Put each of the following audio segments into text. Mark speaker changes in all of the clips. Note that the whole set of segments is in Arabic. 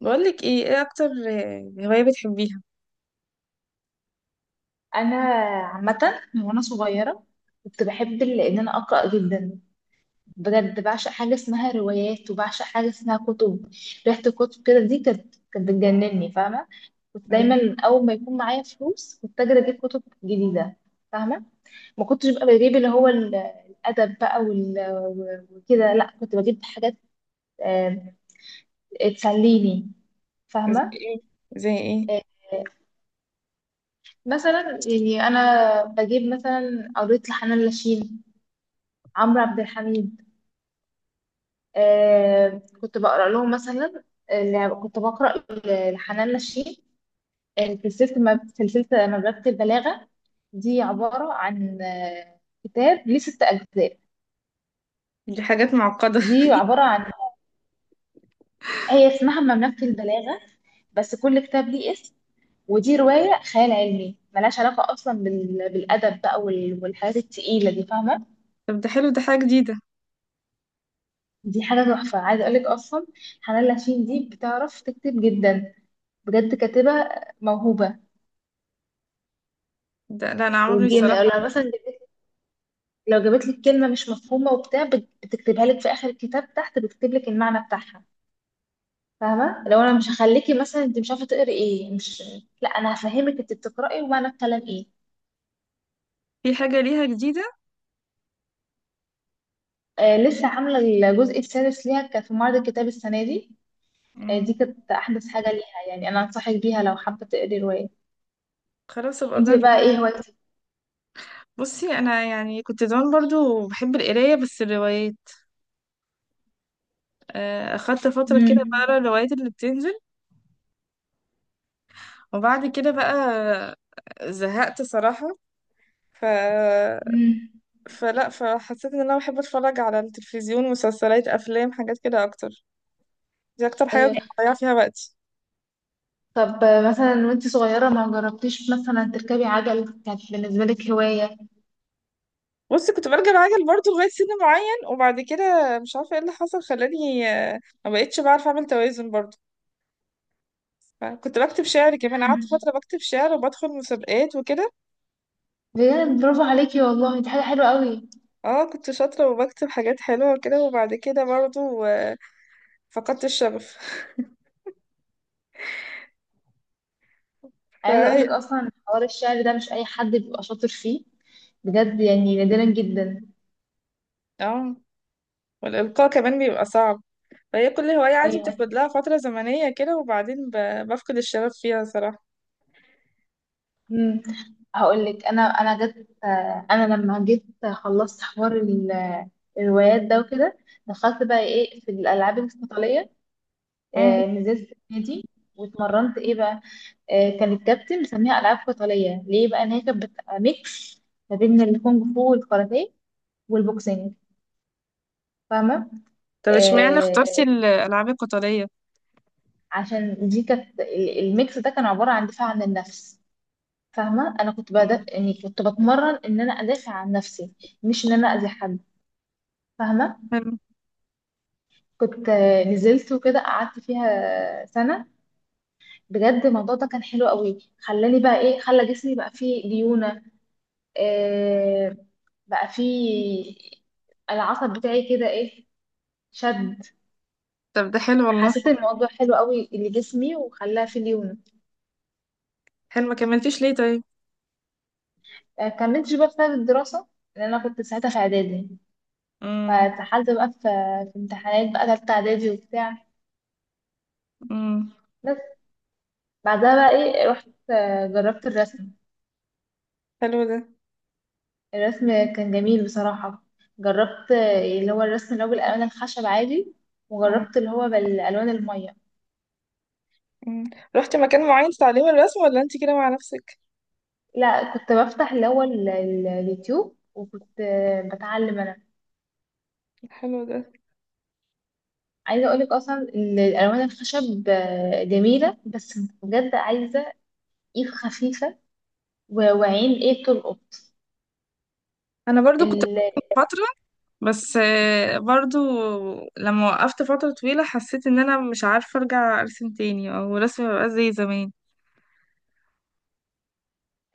Speaker 1: بقولك ايه، ايه اكتر هواية بتحبيها؟
Speaker 2: انا عامه، من وانا صغيره كنت بحب ان انا اقرا جدا. بجد بعشق حاجه اسمها روايات، وبعشق حاجه اسمها كتب. ريحه الكتب كده دي كانت بتجنني، فاهمه. كنت
Speaker 1: مم.
Speaker 2: دايما اول ما يكون معايا فلوس كنت اجري اجيب كتب جديده، فاهمه. ما كنتش ببقى بجيب اللي هو الادب بقى وكده، لا كنت بجيب حاجات آه، تسليني،
Speaker 1: زي
Speaker 2: فاهمه.
Speaker 1: ايه، زي ايه؟
Speaker 2: آه، مثلا يعني انا بجيب مثلا، قريت لحنان لاشين، عمرو عبد الحميد. كنت بقرا لهم مثلا. اللي كنت بقرا لحنان نشين، سلسله سلسله مملكه البلاغه. دي عباره عن كتاب ليه 6 اجزاء.
Speaker 1: دي حاجات معقدة.
Speaker 2: دي عباره عن هي اسمها مملكه البلاغه، بس كل كتاب ليه اسم. ودي روايه خيال علمي ملهاش علاقه اصلا بالادب بقى والحاجات التقيله دي، فاهمه.
Speaker 1: طب ده حلو، ده حاجة جديدة.
Speaker 2: دي حاجه تحفه، عايزه اقولك اصلا. حنان لاشين دي بتعرف تكتب جدا، بجد كاتبه موهوبه.
Speaker 1: ده لا، انا عمري
Speaker 2: والجيم
Speaker 1: الصراحة...
Speaker 2: لو جابت لك كلمه مش مفهومه وبتاع، بتكتبها لك في اخر الكتاب تحت، بتكتب لك المعنى بتاعها. فاهمه؟ لو انا مش هخليكي مثلا انت مش عارفه تقري ايه، مش، لا انا هفهمك انت بتقراي ومعنى الكلام ايه.
Speaker 1: في حاجة ليها جديدة؟
Speaker 2: لسه عامله الجزء السادس ليها، كان في معرض الكتاب السنه دي. دي
Speaker 1: مم.
Speaker 2: كانت احدث حاجه ليها، يعني انا انصحك بيها لو حابه تقري روايه.
Speaker 1: خلاص ابقى
Speaker 2: انت
Speaker 1: اجرب.
Speaker 2: بقى ايه هوايتك؟
Speaker 1: بصي، انا يعني كنت زمان برضو بحب القراية، بس الروايات. اخدت فترة كده بقرا
Speaker 2: امم.
Speaker 1: الروايات اللي بتنزل. وبعد كده بقى زهقت صراحة. ف...
Speaker 2: امم.
Speaker 1: فلا فحسيت ان انا بحب اتفرج على التلفزيون، مسلسلات، افلام، حاجات كده اكتر. دي اكتر حاجة كنت
Speaker 2: ايوه.
Speaker 1: بضيع فيها وقتي.
Speaker 2: طب مثلا وانت صغيره ما جربتيش مثلا تركبي عجل؟ كانت بالنسبه لك هوايه؟
Speaker 1: بص، كنت برجع العجل برضه لغاية سن معين، وبعد كده مش عارفة ايه اللي حصل خلاني ما بقتش بعرف اعمل توازن برضه. كنت بكتب شعر كمان، قعدت
Speaker 2: مم.
Speaker 1: فترة بكتب شعر وبدخل مسابقات وكده.
Speaker 2: بجد برافو عليكي والله، دي حاجة حلوة قوي.
Speaker 1: اه، كنت شاطرة وبكتب حاجات حلوة وكده، وبعد كده برضه فقدت الشغف.
Speaker 2: عايزة
Speaker 1: فهي
Speaker 2: اقولك اصلا، حوار الشعر ده مش اي حد بيبقى شاطر فيه، بجد يعني نادرا جدا.
Speaker 1: اه، والإلقاء كمان بيبقى صعب. فهي كل هواية عادي
Speaker 2: ايوه.
Speaker 1: بتاخد لها فترة زمنية كده، وبعدين بفقد الشغف فيها صراحة.
Speaker 2: امم. هقولك، انا جت، انا لما جيت خلصت حوار الروايات ده وكده، دخلت بقى ايه في الالعاب القتالية.
Speaker 1: مم.
Speaker 2: نزلت النادي واتمرنت ايه بقى. كان الكابتن مسميها العاب قتالية، ليه بقى؟ ان هي كانت بتبقى ميكس ما بين الكونغ فو والكاراتيه والبوكسينج، فاهمة؟
Speaker 1: طب اشمعنى
Speaker 2: آه،
Speaker 1: اخترتي الألعاب القتالية؟
Speaker 2: عشان دي كانت الميكس ده كان عبارة عن دفاع عن النفس. فاهمة؟ أنا كنت
Speaker 1: مم.
Speaker 2: بدأ، يعني كنت بتمرن إن أنا أدافع عن نفسي، مش إن أنا أذي حد، فاهمة؟
Speaker 1: حلو.
Speaker 2: كنت نزلت وكده قعدت فيها سنة. بجد الموضوع ده كان حلو قوي، خلاني بقى إيه، خلى جسمي بقى فيه ليونة. آه بقى فيه العصب بتاعي كده إيه، شد.
Speaker 1: طب ده حلو والله.
Speaker 2: حسيت الموضوع حلو قوي لجسمي وخلاه فيه ليونة.
Speaker 1: حلو، ما كملتيش ليه طيب؟
Speaker 2: كملتش بقى بسبب الدراسة، لأن أنا كنت ساعتها في إعدادي،
Speaker 1: امم.
Speaker 2: فاتسحلت بقى في امتحانات بقى تالتة إعدادي وبتاع.
Speaker 1: امم.
Speaker 2: بس بعدها بقى إيه، رحت جربت الرسم.
Speaker 1: حلو ده.
Speaker 2: الرسم كان جميل بصراحة. جربت اللي هو الرسم اللي هو بالألوان الخشب عادي،
Speaker 1: امم.
Speaker 2: وجربت اللي هو بالألوان المية.
Speaker 1: أمم. رحتي مكان معين تتعلمي الرسم، ولا انت كده مع نفسك؟
Speaker 2: لا، كنت بفتح اللي هو اليوتيوب وكنت بتعلم أنا.
Speaker 1: حلو ده.
Speaker 2: عايزة أقولك أصلا، الألوان الخشب جميلة، بس بجد عايزة إيد خفيفة وعين إيه، تلقط.
Speaker 1: انا برضو كنت فترة، بس برضو لما وقفت فترة طويلة حسيت ان انا مش عارفة ارجع ارسم تاني، او رسمي مبقاش زي زمان.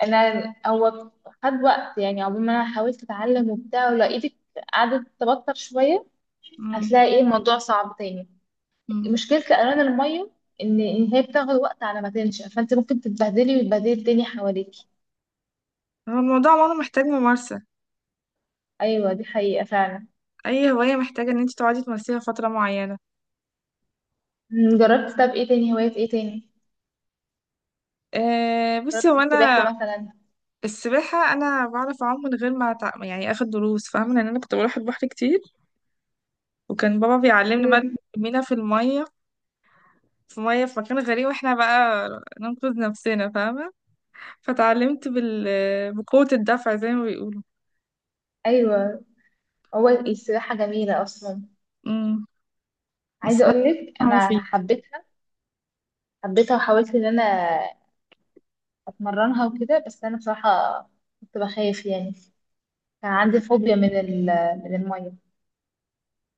Speaker 2: انا هو خد وقت، يعني عقبال ما انا حاولت اتعلم وبتاع، ولو ايدك قعدت تبطر شويه
Speaker 1: مم.
Speaker 2: هتلاقي ايه، الموضوع صعب تاني.
Speaker 1: مم.
Speaker 2: مشكله الالوان الميه إن هي بتاخد وقت على ما تنشف، فانت ممكن تتبهدلي وتبهدلي الدنيا حواليكي.
Speaker 1: هو الموضوع عموما محتاج ممارسة.
Speaker 2: ايوه دي حقيقه فعلا.
Speaker 1: اي هواية محتاجة ان انت تقعدي تمارسيها فترة معينة.
Speaker 2: جربت، طب ايه تاني هوايات، ايه تاني؟
Speaker 1: أه، بصي
Speaker 2: جربت
Speaker 1: هو انا...
Speaker 2: السباحه مثلا.
Speaker 1: السباحة، انا بعرف اعوم من غير ما يعني اخد دروس، فاهمة؟ لان انا كنت بروح البحر كتير. وكان بابا بيعلمنا بقى،
Speaker 2: امم.
Speaker 1: نرمينا في مية في مكان غريب، واحنا بقى ننقذ نفسنا، فاهمة؟ فتعلمت بقوة الدفع زي ما بيقولوا.
Speaker 2: ايوه. هو السباحه جميله اصلا،
Speaker 1: امم. بس
Speaker 2: عايزه
Speaker 1: بس
Speaker 2: اقول لك
Speaker 1: هو
Speaker 2: انا
Speaker 1: في
Speaker 2: حبيتها. حبيتها وحاولت ان انا اتمرنها وكده، بس انا بصراحه كنت بخاف يعني، كان عندي فوبيا من المية.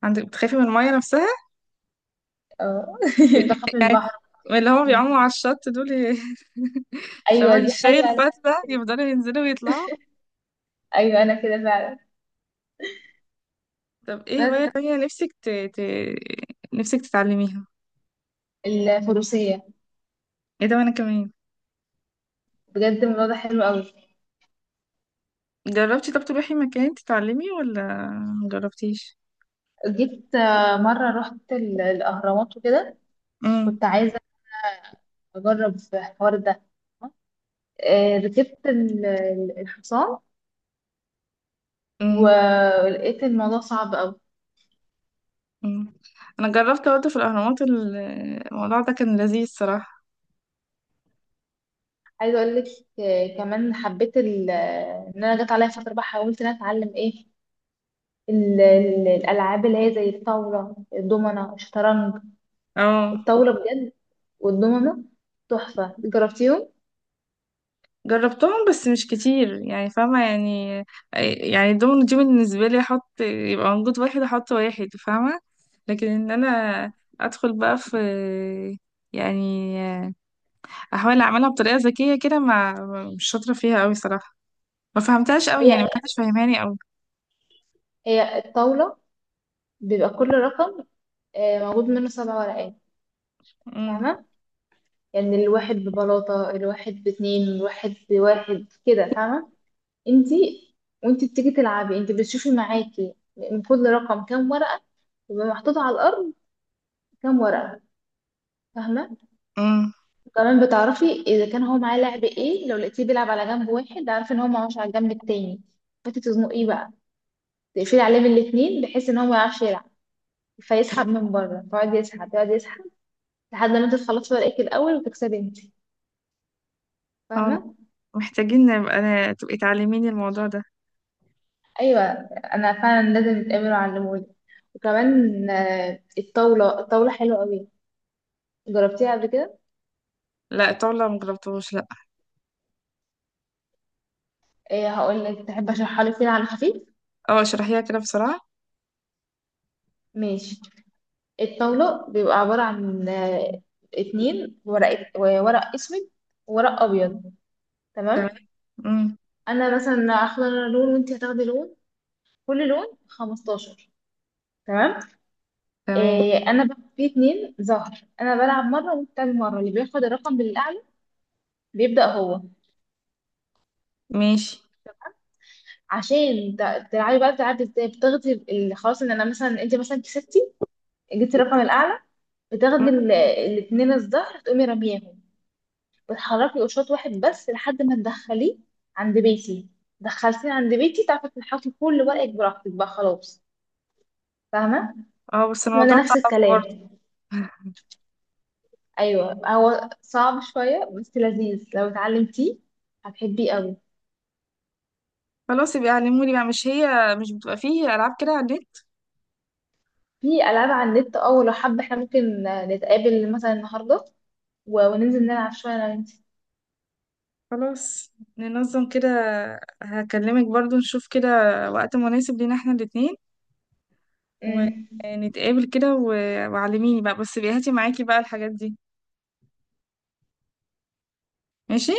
Speaker 1: عندك بتخافي من المية نفسها؟
Speaker 2: اه، بخاف من
Speaker 1: يعني
Speaker 2: البحر.
Speaker 1: اللي هما بيعوموا على الشط دول شبه
Speaker 2: ايوه دي
Speaker 1: الشاي
Speaker 2: حقيقة أنا
Speaker 1: الفتلة،
Speaker 2: كده.
Speaker 1: يفضلوا ينزلوا ويطلعوا.
Speaker 2: ايوه انا كده فعلا.
Speaker 1: طب ايه هواية
Speaker 2: بس
Speaker 1: تانية نفسك نفسك تتعلميها؟
Speaker 2: الفروسية،
Speaker 1: ايه ده، وانا كمان!
Speaker 2: بجد الموضوع ده حلو قوي.
Speaker 1: جربتي؟ طب تروحي مكان تتعلمي، ولا مجربتيش؟
Speaker 2: جيت مرة رحت الاهرامات وكده،
Speaker 1: امم.
Speaker 2: كنت عايزة اجرب في الحوار ده. ركبت الحصان،
Speaker 1: امم.
Speaker 2: ولقيت الموضوع صعب قوي.
Speaker 1: مم. انا جربت برضه في الاهرامات الموضوع ده كان لذيذ صراحة.
Speaker 2: عايزه اقول لك كمان حبيت ان انا جت عليا فتره بقى حاولت ان انا اتعلم ايه، الألعاب اللي هي زي الطاولة، الدومنة، الشطرنج.
Speaker 1: اه،
Speaker 2: الطاولة بجد، والدومنة تحفة. جربتيهم؟
Speaker 1: جربتهم بس مش كتير يعني، فاهمة يعني؟ يعني الدومينو دي بالنسبة لي احط يبقى موجود واحد، احط واحد، فاهمة؟ لكن ان انا ادخل بقى في، يعني احاول اعملها بطريقة ذكية كده، ما... مش شاطرة فيها قوي صراحة. ما فهمتهاش قوي
Speaker 2: هي
Speaker 1: يعني، ما حدش فاهماني قوي.
Speaker 2: هي الطاولة بيبقى كل رقم موجود منه 7 ورقات،
Speaker 1: امم.
Speaker 2: فاهمة؟ يعني الواحد ببلاطة، الواحد باتنين، الواحد بواحد كده، فاهمة؟ انتي وانتي بتيجي تلعبي انتي بتشوفي معاكي من كل رقم كام ورقة، يبقى محطوط على الأرض كام ورقة، فاهمة؟
Speaker 1: امم.
Speaker 2: كمان بتعرفي اذا كان هو معاه لعب ايه، لو لقيتيه بيلعب على جنب واحد، عارفه ان هو معهوش على الجنب التاني، فتي تزنقيه بقى، تقفلي عليه من الاتنين بحيث ان هو ما يعرفش يلعب، فيسحب من بره، فيقعد يسحب، يقعد يسحب، لحد ما انت تخلصي ورقك الاول وتكسبي انت،
Speaker 1: اه.
Speaker 2: فاهمه؟
Speaker 1: محتاجين نبقى تبقي تعلميني الموضوع ده.
Speaker 2: ايوه. انا فعلا لازم نتقابل وعلمولي. وكمان الطاوله حلوه قوي، جربتيها قبل كده؟
Speaker 1: لا، الطاولة مجربتهوش.
Speaker 2: ايه، هقول لك، تحب اشرحها لك كده على خفيف؟
Speaker 1: اه، اشرحيها كده بسرعة.
Speaker 2: ماشي. الطاولة بيبقى عبارة عن اتنين ورق اسود وورق ابيض،
Speaker 1: تمام.
Speaker 2: تمام؟
Speaker 1: امم.
Speaker 2: انا مثلا هاخد انا لون، وانت هتاخدي لون، كل لون 15، تمام.
Speaker 1: تمام.
Speaker 2: إيه، انا بقى في اتنين ظهر، انا بلعب مره وانت بتلعب مره، اللي بياخد الرقم بالاعلى بيبدا هو.
Speaker 1: ماشي.
Speaker 2: عشان تلعبي بقى بتلعبي ازاي، بتاخدي خلاص ان انا مثلا انت مثلا كسبتي، جبتي الرقم الاعلى،
Speaker 1: مم.
Speaker 2: بتاخدي الاتنين الظهر تقومي رميهم، بتحركي قشاط واحد بس لحد ما تدخليه عند بيتي. دخلتيه عند بيتي تعرفي تنحطي كل ورقك براحتك بقى، خلاص، فاهمة؟
Speaker 1: اه، بس
Speaker 2: وانا
Speaker 1: الموضوع
Speaker 2: نفس
Speaker 1: صعب برضه.
Speaker 2: الكلام. ايوه، هو صعب شوية، بس لذيذ، لو اتعلمتيه هتحبيه قوي.
Speaker 1: خلاص يبقى علموني بقى، مش هي مش بتبقى فيه ألعاب كده على النت؟
Speaker 2: في العاب على النت، اه، لو حابة احنا ممكن نتقابل مثلا النهاردة وننزل نلعب شوية انا وانتي.
Speaker 1: خلاص. ننظم كده. هكلمك برضه، نشوف كده وقت مناسب لينا احنا الاتنين.
Speaker 2: أمم.
Speaker 1: ونتقابل كده و- وعلميني بقى، بس بيهاتي معاكي بقى الحاجات دي. ماشي.